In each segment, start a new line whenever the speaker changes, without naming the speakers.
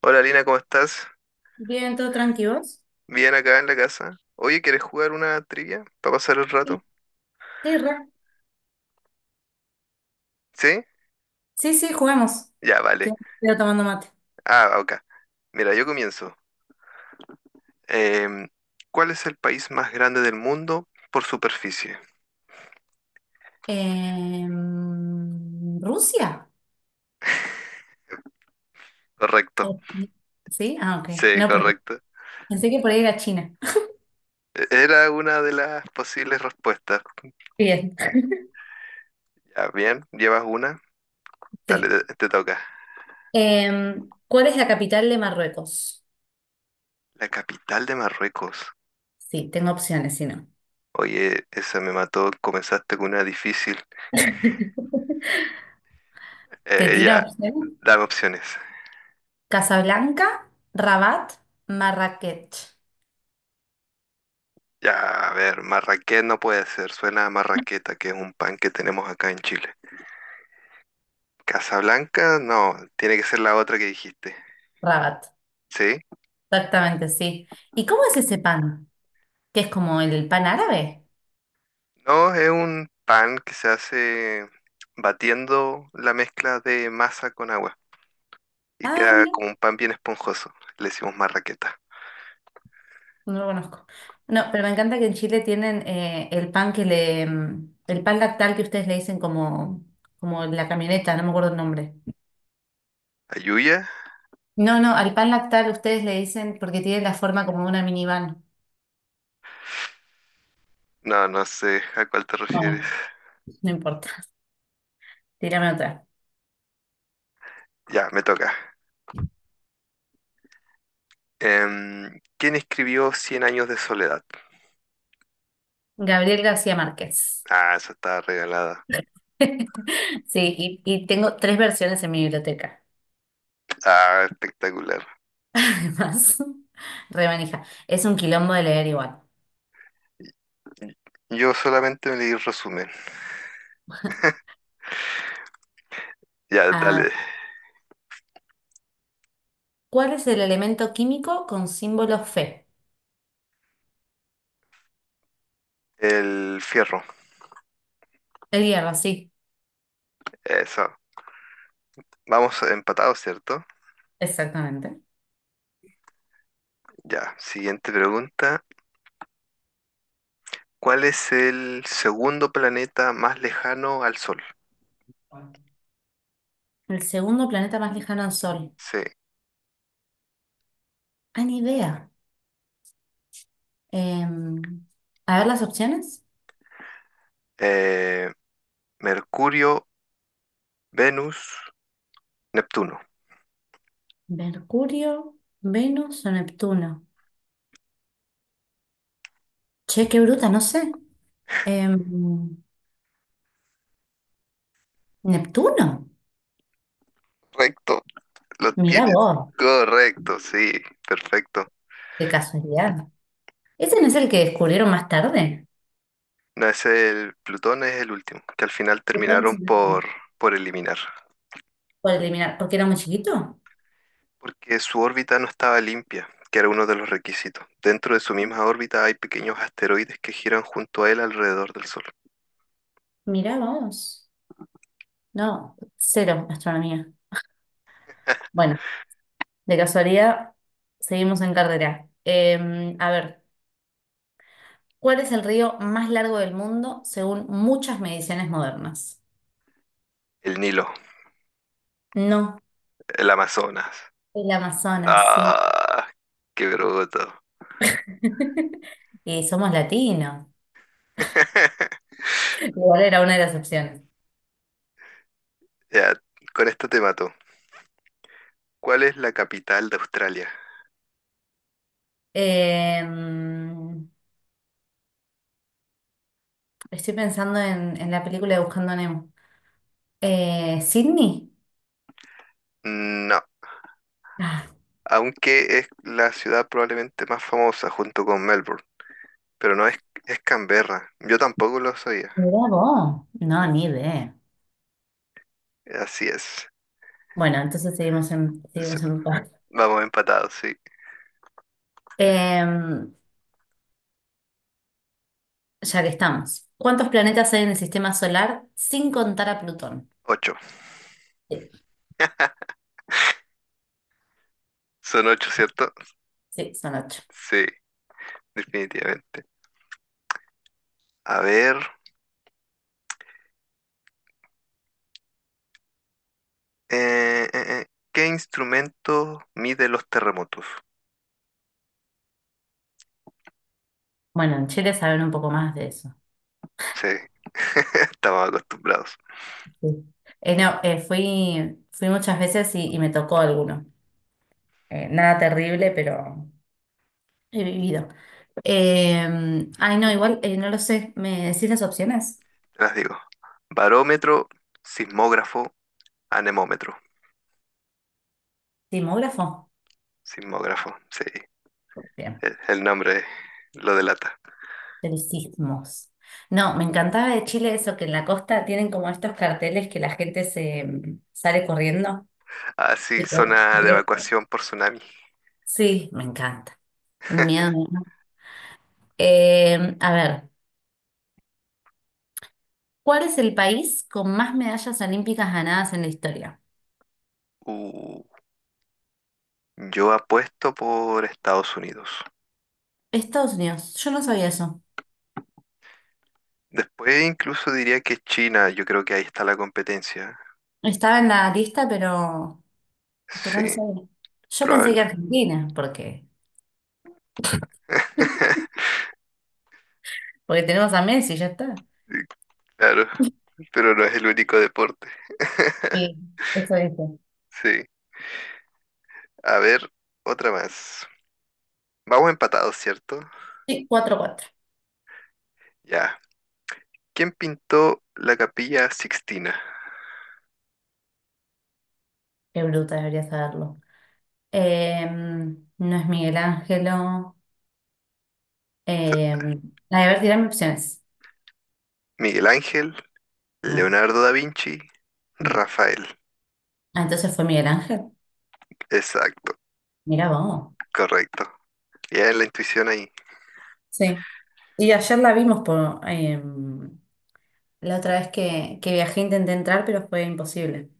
Hola Lina, ¿cómo estás?
Bien, todo tranquilo.
Bien acá en la casa. Oye, ¿quieres jugar una trivia para pasar el rato?
Sí. Sí, re.
¿Sí?
Sí, sí, juguemos.
Ya,
Estoy,
vale.
estoy tomando mate.
Ah, ok. Mira, yo comienzo. Em, ¿Cuál es el país más grande del mundo por superficie?
¿Rusia?
Correcto.
¿O Chi- ¿Sí? Ah, ok.
Sí,
No, porque
correcto.
pensé que por ahí era China.
Era una de las posibles respuestas.
Bien,
Ya, bien, llevas una. Dale,
sí.
te toca.
¿Cuál es la capital de Marruecos?
La capital de Marruecos.
Sí, tengo opciones, si no.
Oye, esa me mató. Comenzaste con una difícil.
Te tiro
Ya,
opciones.
dame opciones.
Casablanca, Rabat, Marrakech.
Ya, a ver, marraqués no puede ser, suena a marraqueta, que es un pan que tenemos acá en Chile. Casablanca, no, tiene que ser la otra que dijiste.
Rabat,
¿Sí?
exactamente, sí. ¿Y cómo es ese pan? ¿Que es como el pan árabe?
No, es un pan que se hace batiendo la mezcla de masa con agua y
Ah,
queda
mira.
como un pan bien esponjoso. Le decimos marraqueta.
No lo conozco. No, pero me encanta que en Chile tienen el pan el pan lactal que ustedes le dicen como la camioneta, no me acuerdo el nombre.
¿Ayuya?
No, no, al pan lactal ustedes le dicen porque tiene la forma como una minivan.
No, no sé a cuál te refieres.
Bueno, no importa, tírame otra.
Ya, me toca. ¿Quién escribió Cien años de soledad?
Gabriel García Márquez.
Ah, esa está regalada.
Sí, y tengo tres versiones en mi biblioteca,
Ah, espectacular.
además. Remanija. Es un quilombo de leer igual.
Yo solamente me leí el resumen. Ya,
Ah,
dale.
¿cuál es el elemento químico con símbolo Fe?
El fierro.
El hierro, sí,
Eso. Vamos empatados, ¿cierto?
exactamente.
Ya. Siguiente pregunta. ¿Cuál es el segundo planeta más lejano al Sol?
El segundo planeta más lejano al Sol.
Sí.
Ah, ni idea. Em, a ver las opciones.
Eh, Mercurio, Venus, Neptuno.
Mercurio, Venus o Neptuno. Che, qué bruta, no sé. Em, Neptuno.
Correcto. Lo
Mirá
tienes.
vos,
Correcto, sí. Perfecto.
qué casualidad. ¿Ese no es el que descubrieron más tarde?
No es el Plutón, es el último, que al final
¿Que todo
terminaron
mismo?
por eliminar.
Por eliminar, porque era muy chiquito.
Porque su órbita no estaba limpia, que era uno de los requisitos. Dentro de su misma órbita hay pequeños asteroides que giran junto a él alrededor del Sol.
Mirá vos. No, cero astronomía. Bueno, de casualidad, seguimos en carrera. A ver. ¿Cuál es el río más largo del mundo según muchas mediciones modernas?
El Nilo,
No,
el Amazonas.
el Amazonas, sí.
¡Ah! ¡Qué bruto!
Y somos latinos. Igual era una de las opciones.
Ya, con esto te mato. ¿Cuál es la capital de Australia?
Eh, estoy pensando en la película de Buscando a Nemo. ¿Sydney?
No,
Ah,
aunque es la ciudad probablemente más famosa junto con Melbourne, pero no es, es Canberra. Yo tampoco lo sabía.
mirá vos. No, ni idea.
Así es.
Bueno, entonces
Es-
seguimos en paz.
Vamos empatados, sí.
Eh, ya que estamos. ¿Cuántos planetas hay en el sistema solar sin contar a Plutón?
Ocho.
Sí,
Son ocho, ¿cierto?
sí, son ocho.
Sí, definitivamente. A ver, eh, eh, eh, ¿qué instrumento mide los terremotos?
Bueno, en Chile saben un poco más de eso.
Sí, estamos acostumbrados.
Sí. No, fui muchas veces y me tocó alguno. Nada terrible, pero he vivido. Ay, no, igual no lo sé. ¿Me decís las opciones?
Te las digo. Barómetro, sismógrafo, anemómetro.
Sismógrafo.
Sismógrafo, sí.
Bien.
El nombre lo delata.
De los sismos. No, me encantaba de Chile eso, que en la costa tienen como estos carteles que la gente se sale corriendo.
Así,
Tipo,
zona de evacuación por tsunami.
sí, me encanta. Un miedo me da. A ver. ¿Cuál es el país con más medallas olímpicas ganadas en la historia?
Uh, yo apuesto por Estados Unidos.
Estados Unidos. Yo no sabía eso.
Después incluso diría que China, yo creo que ahí está la competencia.
Estaba en la lista, pero no
Sí,
sabía. Yo pensé que
probable.
Argentina, porque, porque tenemos a Messi, ya está.
Claro, pero no es el único deporte.
Sí, eso dice.
Sí. A ver, otra más. Vamos empatados, ¿cierto?
Sí, 4-4.
Ya. ¿Quién pintó la Capilla Sixtina?
Qué bruta, debería saberlo. No es Miguel Ángelo.
Esa-
Em, a ver, tirarme opciones.
Miguel Ángel,
Mm,
Leonardo da Vinci,
mm.
Rafael.
Ah, entonces fue Miguel Ángel.
Exacto,
Mira vos.
correcto. Ya es la intuición ahí.
Sí. Y ayer la vimos por, la otra vez que viajé intenté entrar, pero fue imposible.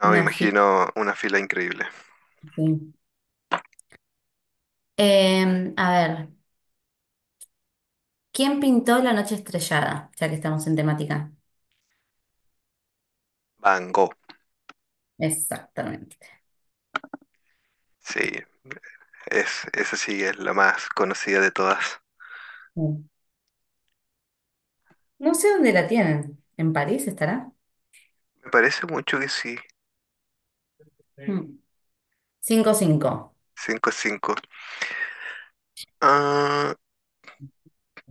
No, me
Una fila.
imagino una fila increíble.
Sí. A ver, ¿quién pintó La noche estrellada? Ya que estamos en temática.
Van Gogh.
Exactamente.
Sí, esa sí es la más conocida de todas.
Mm. No sé dónde la tienen. ¿En París estará?
Me parece mucho que sí.
Mm. Cinco 5.
5-5. Ah,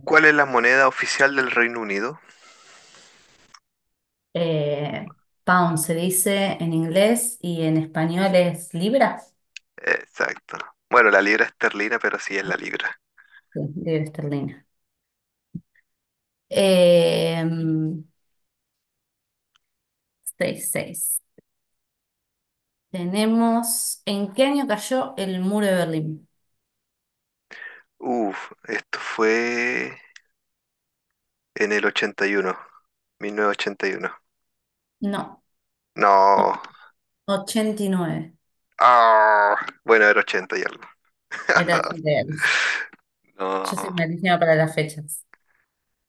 ¿cuál es la moneda oficial del Reino Unido?
Eh, pound se dice en inglés y en español es libra.
Exacto. Bueno, la libra esterlina, pero sí es la libra.
Sí, libra esterlina. Em, Seis 6. Tenemos, ¿en qué año cayó el muro de Berlín?
Uf, esto fue en el ochenta y uno, 1981.
No.
No.
89.
Ah, bueno, era 80 y algo.
Era 89. Yo soy
No,
malísima para las fechas.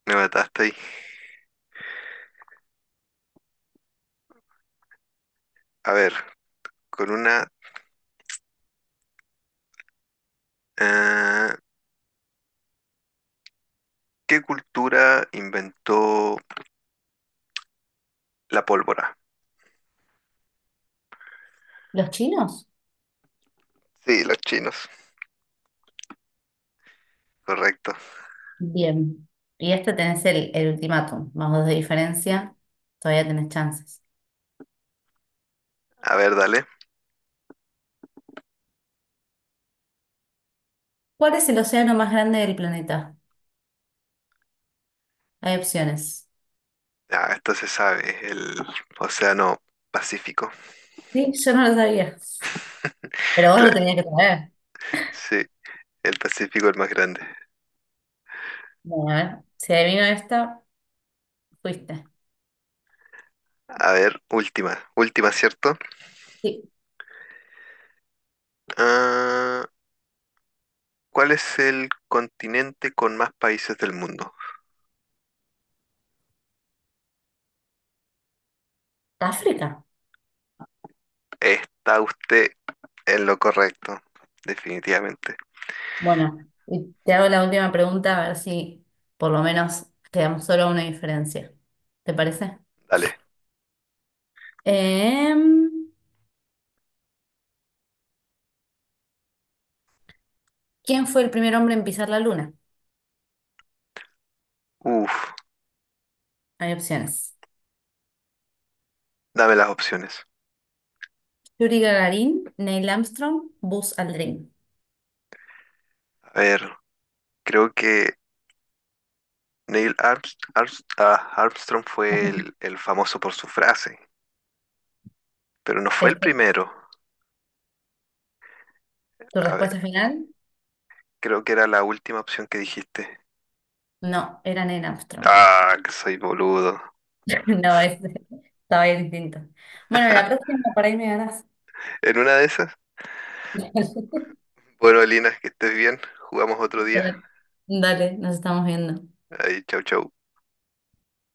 me mataste ahí. A ver, con una... eh, ¿qué cultura inventó la pólvora?
¿Los chinos?
Sí, los chinos. Correcto.
Bien. Y este tenés el ultimátum, más dos de diferencia. Todavía tenés chances.
A ver, dale.
¿Cuál es el océano más grande del planeta? Hay opciones.
Ah, entonces sabes, el Océano Pacífico.
Sí, yo no lo sabía. Pero vos lo
Claro,
tenías que saber.
sí, el Pacífico el más grande.
Bueno, a ver. Si adivino esta, fuiste.
A ver, última, última, ¿cierto?
Sí,
Ah, ¿cuál es el continente con más países del mundo?
África.
Está usted en lo correcto, definitivamente.
Bueno, y te hago la última pregunta a ver si por lo menos quedamos solo a una diferencia. ¿Te parece?
Dale.
Em, ¿Quién fue el primer hombre en pisar la luna?
Uf,
Hay opciones.
dame las opciones.
Yuri Gagarin, Neil Armstrong, Buzz Aldrin.
A ver, creo que Neil Arms- Arms- ah, Armstrong fue el famoso por su frase, pero no fue el
¿Esa ¿Es
primero.
tu
A
respuesta final?
Creo que era la última opción que dijiste.
No, era Neil Armstrong.
Ah, que soy boludo.
No, estaba bien distinto. Bueno, la próxima para ahí me ganás.
En una de esas. Bueno, Lina, que estés bien. Jugamos otro día.
Dale, nos estamos viendo.
Ahí, chau, chau.